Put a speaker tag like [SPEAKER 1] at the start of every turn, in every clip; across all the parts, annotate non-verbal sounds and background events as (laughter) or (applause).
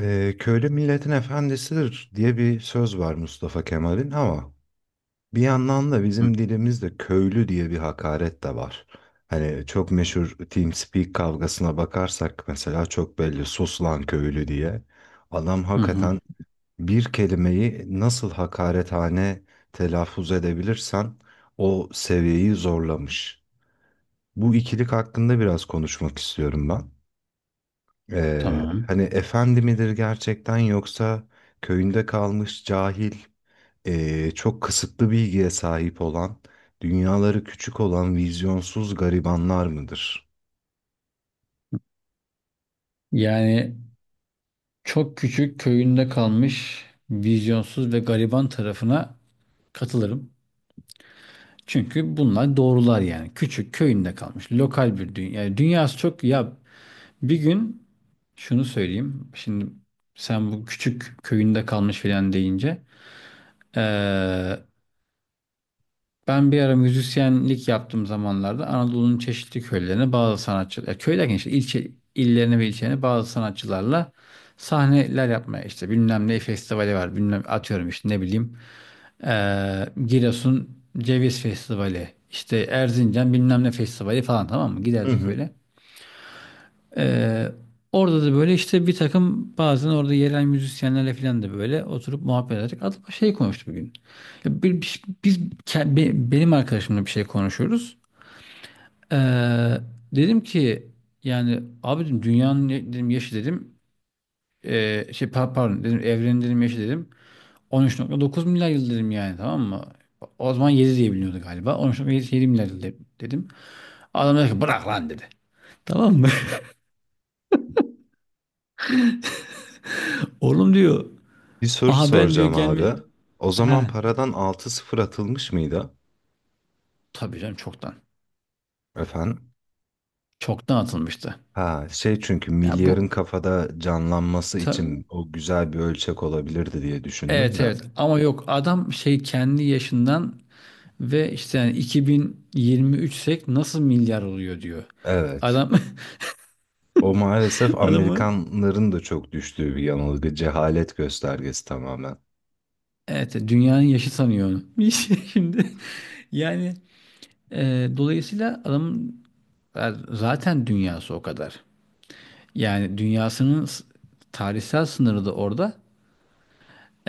[SPEAKER 1] Köylü milletin efendisidir diye bir söz var Mustafa Kemal'in ama bir yandan da
[SPEAKER 2] Hı
[SPEAKER 1] bizim dilimizde köylü diye bir hakaret de var. Hani çok meşhur TeamSpeak kavgasına bakarsak mesela çok belli sus lan köylü diye. Adam
[SPEAKER 2] hı. Hı.
[SPEAKER 1] hakikaten bir kelimeyi nasıl hakarethane telaffuz edebilirsen o seviyeyi zorlamış. Bu ikilik hakkında biraz konuşmak istiyorum ben.
[SPEAKER 2] Tamam.
[SPEAKER 1] Hani efendi midir gerçekten yoksa köyünde kalmış cahil, çok kısıtlı bilgiye sahip olan, dünyaları küçük olan vizyonsuz garibanlar mıdır?
[SPEAKER 2] Yani çok küçük köyünde kalmış vizyonsuz ve gariban tarafına katılırım. Çünkü bunlar doğrular yani. Küçük köyünde kalmış lokal bir dünya. Yani dünyası çok ya, bir gün şunu söyleyeyim. Şimdi sen bu küçük köyünde kalmış filan deyince eee, ben bir ara müzisyenlik yaptığım zamanlarda Anadolu'nun çeşitli köylerine bazı sanatçılar, ya köy derken işte ilçe, illerine ve ilçelerine bazı sanatçılarla sahneler yapmaya, işte bilmem ne festivali var, bilmem, atıyorum işte, ne bileyim, Giresun Ceviz Festivali, işte Erzincan bilmem ne festivali falan, tamam mı,
[SPEAKER 1] Hı
[SPEAKER 2] giderdik
[SPEAKER 1] hı.
[SPEAKER 2] öyle. Ee, Orada da böyle işte bir takım, bazen orada yerel müzisyenlerle falan da böyle oturup muhabbet ederek, adam şey konuştu bugün. Ya şey, benim arkadaşımla bir şey konuşuyoruz. Ee, dedim ki, yani abi dedim, dünyanın dedim, yaşı dedim, pardon dedim, evrenin dedim, yaşı dedim 13,9 milyar yıl dedim, yani tamam mı? O zaman 7 diye biliniyordu galiba. 13,7 milyar yıl dedim. Adam dedi ki bırak lan dedi. Tamam mı? (laughs) Oğlum diyor.
[SPEAKER 1] Bir soru
[SPEAKER 2] Aha ben diyor
[SPEAKER 1] soracağım
[SPEAKER 2] gelme.
[SPEAKER 1] abi. O zaman
[SPEAKER 2] He.
[SPEAKER 1] paradan altı sıfır atılmış mıydı?
[SPEAKER 2] Tabii canım, çoktan.
[SPEAKER 1] Efendim?
[SPEAKER 2] Çoktan atılmıştı.
[SPEAKER 1] Ha şey çünkü
[SPEAKER 2] Ya
[SPEAKER 1] milyarın
[SPEAKER 2] bu
[SPEAKER 1] kafada canlanması
[SPEAKER 2] ta-
[SPEAKER 1] için o güzel bir ölçek olabilirdi diye düşündüm
[SPEAKER 2] evet
[SPEAKER 1] de.
[SPEAKER 2] evet, ama yok, adam şey kendi yaşından ve işte, yani 2023'sek nasıl milyar oluyor diyor.
[SPEAKER 1] Evet.
[SPEAKER 2] Adam
[SPEAKER 1] O maalesef
[SPEAKER 2] (laughs) adamı,
[SPEAKER 1] Amerikanların da çok düştüğü bir yanılgı, cehalet göstergesi tamamen.
[SPEAKER 2] evet dünyanın yaşı sanıyor onu. (laughs) Şimdi yani dolayısıyla adamın zaten dünyası o kadar. Yani dünyasının tarihsel sınırı da orada.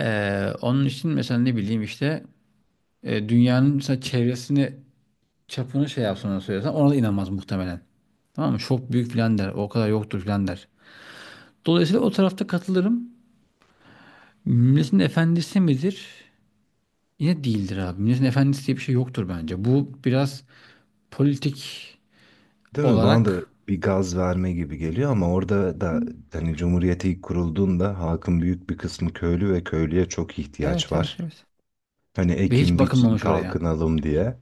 [SPEAKER 2] Onun için mesela, ne bileyim işte, dünyanın mesela çevresini, çapını şey yapsın, ona söylesen ona da inanmaz muhtemelen. Tamam mı? Çok büyük filan der. O kadar yoktur filan der. Dolayısıyla o tarafta katılırım. Milletin efendisi midir? Yine değildir abi. Milletin efendisi diye bir şey yoktur bence. Bu biraz politik
[SPEAKER 1] Değil mi? Bana da
[SPEAKER 2] olarak...
[SPEAKER 1] bir gaz verme gibi geliyor ama orada da hani Cumhuriyet ilk kurulduğunda halkın büyük bir kısmı köylü ve köylüye çok ihtiyaç
[SPEAKER 2] Evet, evet,
[SPEAKER 1] var.
[SPEAKER 2] evet.
[SPEAKER 1] Hani
[SPEAKER 2] Ve hiç
[SPEAKER 1] ekin biçin
[SPEAKER 2] bakılmamış oraya.
[SPEAKER 1] kalkınalım diye.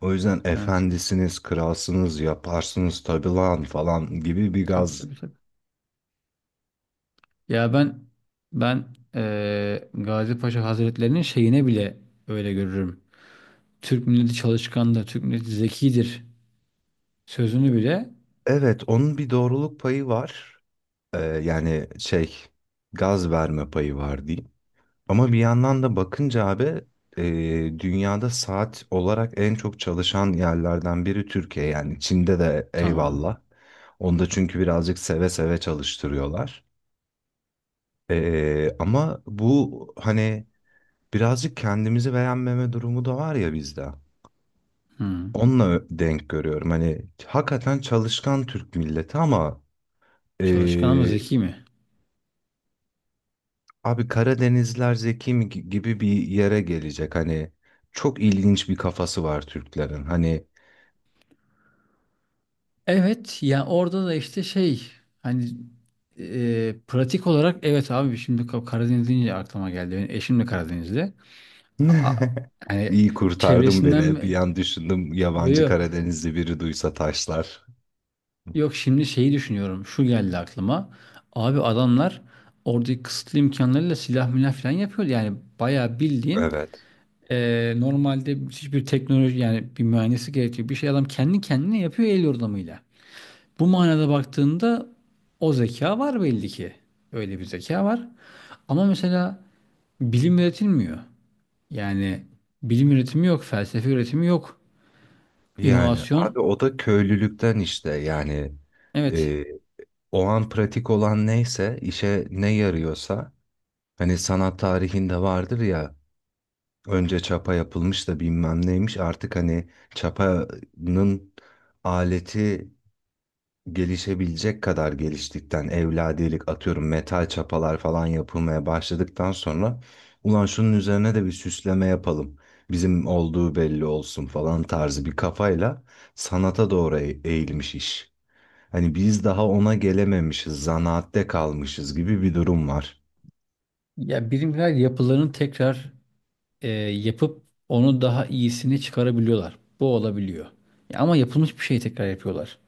[SPEAKER 1] O yüzden
[SPEAKER 2] Evet.
[SPEAKER 1] efendisiniz, kralsınız, yaparsınız tabii lan falan gibi bir
[SPEAKER 2] Tabii,
[SPEAKER 1] gaz.
[SPEAKER 2] tabii, tabii. Ya ben, Gazi Paşa Hazretleri'nin şeyine bile öyle görürüm. Türk milleti çalışkandır, Türk milleti zekidir sözünü bile.
[SPEAKER 1] Evet, onun bir doğruluk payı var. Yani gaz verme payı var diyeyim. Ama bir yandan da bakınca abi dünyada saat olarak en çok çalışan yerlerden biri Türkiye. Yani Çin'de de
[SPEAKER 2] Tamam.
[SPEAKER 1] eyvallah. Onda çünkü birazcık seve seve çalıştırıyorlar. Ama bu hani birazcık kendimizi beğenmeme durumu da var ya bizde.
[SPEAKER 2] Hı.
[SPEAKER 1] Onunla denk görüyorum. Hani hakikaten çalışkan Türk milleti ama
[SPEAKER 2] Çalışkan ama
[SPEAKER 1] e,
[SPEAKER 2] zeki mi?
[SPEAKER 1] abi Karadenizler zeki mi gibi bir yere gelecek. Hani çok ilginç bir kafası var Türklerin. Hani
[SPEAKER 2] Evet, ya orada da işte şey, hani pratik olarak, evet abi, şimdi Karadeniz deyince aklıma geldi. Benim eşim de Karadenizli. A- a-
[SPEAKER 1] (laughs)
[SPEAKER 2] hani
[SPEAKER 1] İyi kurtardım beni. Bir
[SPEAKER 2] çevresinden.
[SPEAKER 1] an düşündüm
[SPEAKER 2] Yo,
[SPEAKER 1] yabancı
[SPEAKER 2] yo.
[SPEAKER 1] Karadenizli biri duysa taşlar.
[SPEAKER 2] Yok, şimdi şeyi düşünüyorum. Şu geldi aklıma. Abi adamlar oradaki kısıtlı imkanlarıyla silah milah falan yapıyor. Yani bayağı bildiğin,
[SPEAKER 1] Evet.
[SPEAKER 2] normalde hiçbir teknoloji, yani bir mühendisi gerekiyor. Bir şey adam kendi kendine yapıyor el yordamıyla. Bu manada baktığında o zeka var belli ki. Öyle bir zeka var. Ama mesela bilim üretilmiyor. Yani bilim üretimi yok, felsefe üretimi yok.
[SPEAKER 1] Yani
[SPEAKER 2] İnovasyon,
[SPEAKER 1] abi o da köylülükten işte yani
[SPEAKER 2] evet.
[SPEAKER 1] e, o an pratik olan neyse işe ne yarıyorsa hani sanat tarihinde vardır ya önce çapa yapılmış da bilmem neymiş artık hani çapanın aleti gelişebilecek kadar geliştikten evladilik atıyorum metal çapalar falan yapılmaya başladıktan sonra ulan şunun üzerine de bir süsleme yapalım. Bizim olduğu belli olsun falan tarzı bir kafayla sanata doğru eğilmiş iş. Hani biz daha ona gelememişiz, zanaatte kalmışız gibi bir durum var.
[SPEAKER 2] Ya bilimler yapılarını tekrar yapıp onu daha iyisini çıkarabiliyorlar. Bu olabiliyor. Ya ama yapılmış bir şeyi tekrar yapıyorlar.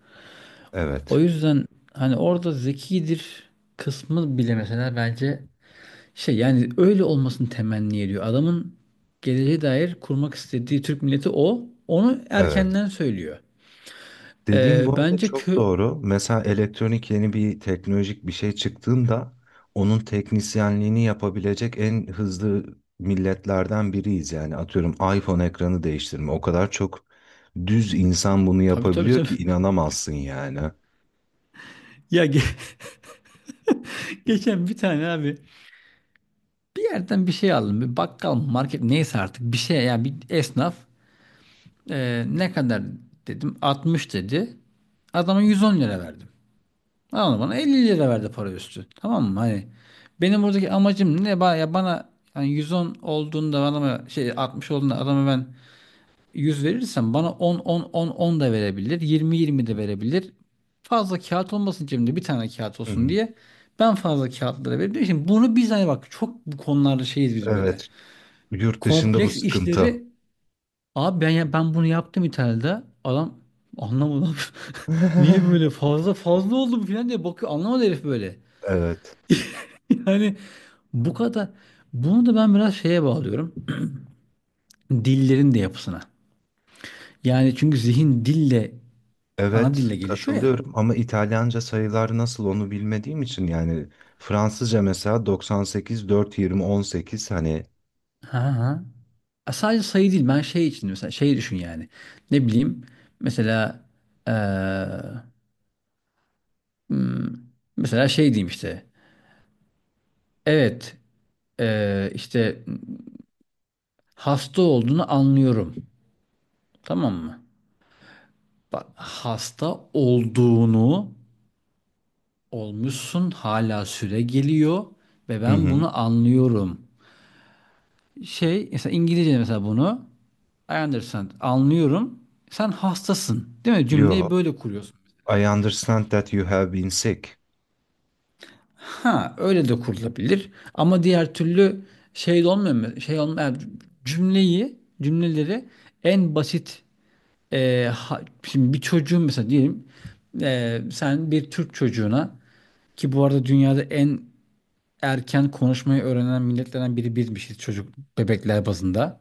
[SPEAKER 2] O
[SPEAKER 1] Evet.
[SPEAKER 2] yüzden hani orada zekidir kısmı bile mesela bence şey, yani öyle olmasını temenni ediyor. Adamın geleceğe dair kurmak istediği Türk milleti o. Onu
[SPEAKER 1] Evet.
[SPEAKER 2] erkenden söylüyor.
[SPEAKER 1] Dediğin bu arada
[SPEAKER 2] Bence
[SPEAKER 1] çok
[SPEAKER 2] kö...
[SPEAKER 1] doğru. Mesela elektronik yeni bir teknolojik bir şey çıktığında onun teknisyenliğini yapabilecek en hızlı milletlerden biriyiz. Yani atıyorum iPhone ekranı değiştirme. O kadar çok düz insan bunu
[SPEAKER 2] Tabii, tabii,
[SPEAKER 1] yapabiliyor
[SPEAKER 2] tabii.
[SPEAKER 1] ki
[SPEAKER 2] (laughs)
[SPEAKER 1] inanamazsın yani.
[SPEAKER 2] Ya (laughs) geçen bir tane abi, bir yerden bir şey aldım. Bir bakkal mı, market neyse artık, bir şey yani, bir esnaf. Ne kadar dedim, 60 dedi. Adama 110 lira verdim. Adam bana 50 lira verdi para üstü. Tamam mı? Hani benim buradaki amacım ne? Ya bana, hani 110 olduğunda adama şey, 60 olduğunda adama ben, 100 verirsen bana 10 10 10 10 da verebilir, 20 20 de verebilir. Fazla kağıt olmasın cebimde, bir tane kağıt
[SPEAKER 1] Hı
[SPEAKER 2] olsun
[SPEAKER 1] hı.
[SPEAKER 2] diye. Ben fazla kağıtlara verebilirim. Şimdi bunu biz hani, bak çok bu konularda şeyiz biz böyle.
[SPEAKER 1] Evet, yurt dışında bu
[SPEAKER 2] Kompleks
[SPEAKER 1] sıkıntı.
[SPEAKER 2] işleri abi, ben, ya ben bunu yaptım İtalya'da. Adam anlamadı. (laughs) Niye böyle
[SPEAKER 1] (laughs)
[SPEAKER 2] fazla fazla oldu bu falan diye bakıyor. Anlamadı herif böyle. (laughs)
[SPEAKER 1] Evet,
[SPEAKER 2] Yani bu kadar. Bunu da ben biraz şeye bağlıyorum. Dillerin de yapısına. Yani çünkü zihin dille, ana
[SPEAKER 1] evet
[SPEAKER 2] dille gelişiyor ya.
[SPEAKER 1] katılıyorum ama İtalyanca sayılar nasıl onu bilmediğim için yani Fransızca mesela 98 4 20 18 hani.
[SPEAKER 2] Ha, ha. Sadece sayı değil. Ben şey için mesela, şey düşün yani. Ne bileyim, mesela eee, hmm, mesela şey diyeyim işte. Evet, işte hasta olduğunu anlıyorum. Tamam mı? Bak hasta olduğunu, olmuşsun, hala süre geliyor ve
[SPEAKER 1] Hı
[SPEAKER 2] ben
[SPEAKER 1] hı.
[SPEAKER 2] bunu anlıyorum. Şey mesela İngilizce, mesela bunu "I understand anlıyorum. Sen hastasın değil mi?" Cümleyi
[SPEAKER 1] Yo,
[SPEAKER 2] böyle kuruyorsun.
[SPEAKER 1] I understand that you have been sick.
[SPEAKER 2] Ha, öyle de kurulabilir. Ama diğer türlü şey de olmuyor mu? Şey olmuyor, yani. Cümleyi, cümleleri en basit, şimdi bir çocuğun mesela diyelim, sen bir Türk çocuğuna, ki bu arada dünyada en erken konuşmayı öğrenen milletlerden biri bizmişiz, çocuk bebekler bazında.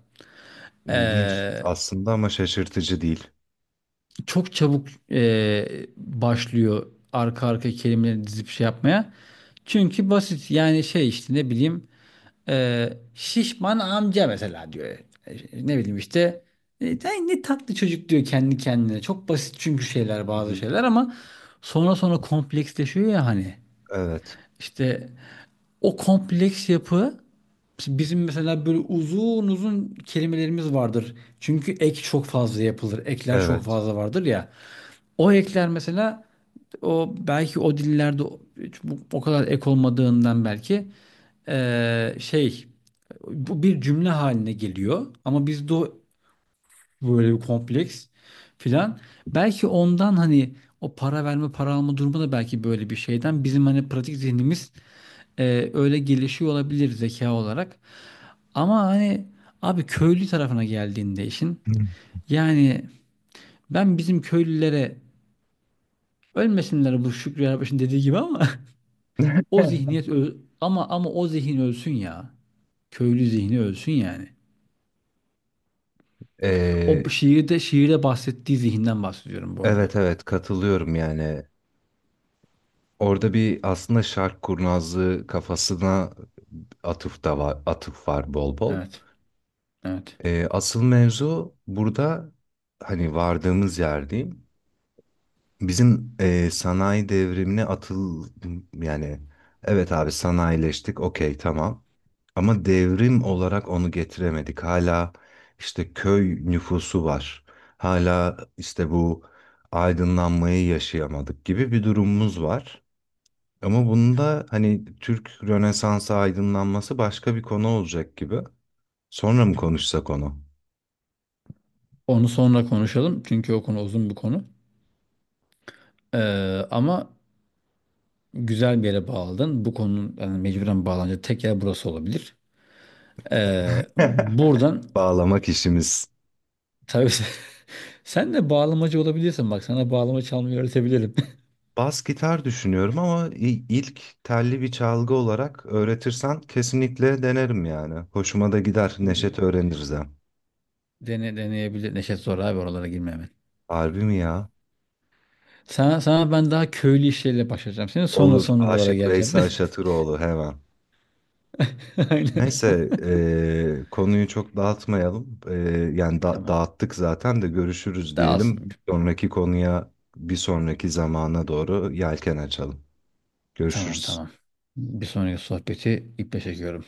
[SPEAKER 2] E,
[SPEAKER 1] İlginç aslında ama şaşırtıcı değil.
[SPEAKER 2] çok çabuk başlıyor arka arka kelimeleri dizip şey yapmaya. Çünkü basit yani, şey işte, ne bileyim, "şişman amca" mesela diyor. E, Ne bileyim işte. "Ay ne tatlı çocuk" diyor kendi kendine. Çok basit çünkü şeyler,
[SPEAKER 1] Hı
[SPEAKER 2] bazı
[SPEAKER 1] hı.
[SPEAKER 2] şeyler, ama sonra sonra kompleksleşiyor ya hani.
[SPEAKER 1] Evet,
[SPEAKER 2] İşte o kompleks yapı, bizim mesela böyle uzun uzun kelimelerimiz vardır. Çünkü ek çok fazla yapılır. Ekler çok
[SPEAKER 1] evet.
[SPEAKER 2] fazla vardır ya. O ekler mesela, o belki o dillerde o o kadar ek olmadığından belki, şey, bu bir cümle haline geliyor ama bizde o, böyle bir kompleks filan. Belki ondan, hani o para verme para alma durumu da belki böyle bir şeyden, bizim hani pratik zihnimiz öyle gelişiyor olabilir, zeka olarak. Ama hani abi köylü tarafına geldiğinde işin,
[SPEAKER 1] (laughs)
[SPEAKER 2] yani ben bizim köylülere ölmesinler, bu Şükrü Erbaş'ın dediği gibi, ama (laughs) o
[SPEAKER 1] Hı.
[SPEAKER 2] zihniyet ama o zihin ölsün ya. Köylü zihni ölsün yani. O
[SPEAKER 1] Ee,
[SPEAKER 2] şiirde bahsettiği zihinden bahsediyorum bu arada.
[SPEAKER 1] evet evet katılıyorum yani. Orada bir aslında şark kurnazlığı kafasına atıf da var, atıf var bol bol.
[SPEAKER 2] Evet. Evet.
[SPEAKER 1] Asıl mevzu burada hani vardığımız yer diyeyim. Bizim sanayi devrimine atıl yani evet abi sanayileştik okey tamam. Ama devrim olarak onu getiremedik. Hala işte köy nüfusu var. Hala işte bu aydınlanmayı yaşayamadık gibi bir durumumuz var. Ama bunda hani Türk Rönesansı aydınlanması başka bir konu olacak gibi. Sonra mı konuşsak onu?
[SPEAKER 2] Onu sonra konuşalım çünkü o konu uzun bir konu. Ee, ama güzel bir yere bağladın. Bu konunun yani mecburen bağlanacak tek yer burası olabilir.
[SPEAKER 1] (laughs)
[SPEAKER 2] Buradan
[SPEAKER 1] Bağlamak işimiz.
[SPEAKER 2] tabii (laughs) sen de bağlamacı olabilirsin, bak sana bağlama çalmayı öğretebilirim.
[SPEAKER 1] Bas gitar düşünüyorum ama ilk telli bir çalgı olarak öğretirsen kesinlikle denerim yani. Hoşuma da gider. Neşet
[SPEAKER 2] (laughs)
[SPEAKER 1] öğreniriz hem.
[SPEAKER 2] Dene, deneyebilir. Neşet zor abi, oralara girmemek.
[SPEAKER 1] Harbi mi ya?
[SPEAKER 2] Sana ben daha köylü işleriyle başlayacağım. Senin sonra
[SPEAKER 1] Olur.
[SPEAKER 2] son oralara
[SPEAKER 1] Aşık
[SPEAKER 2] geleceğim.
[SPEAKER 1] Veysel Şatıroğlu hemen.
[SPEAKER 2] (laughs) Aynen.
[SPEAKER 1] Neyse konuyu çok dağıtmayalım. Yani
[SPEAKER 2] Tamam.
[SPEAKER 1] dağıttık zaten de görüşürüz diyelim.
[SPEAKER 2] Dağılsın.
[SPEAKER 1] Bir sonraki konuya bir sonraki zamana doğru yelken açalım.
[SPEAKER 2] Tamam,
[SPEAKER 1] Görüşürüz.
[SPEAKER 2] tamam. Bir sonraki sohbeti iple çekiyorum.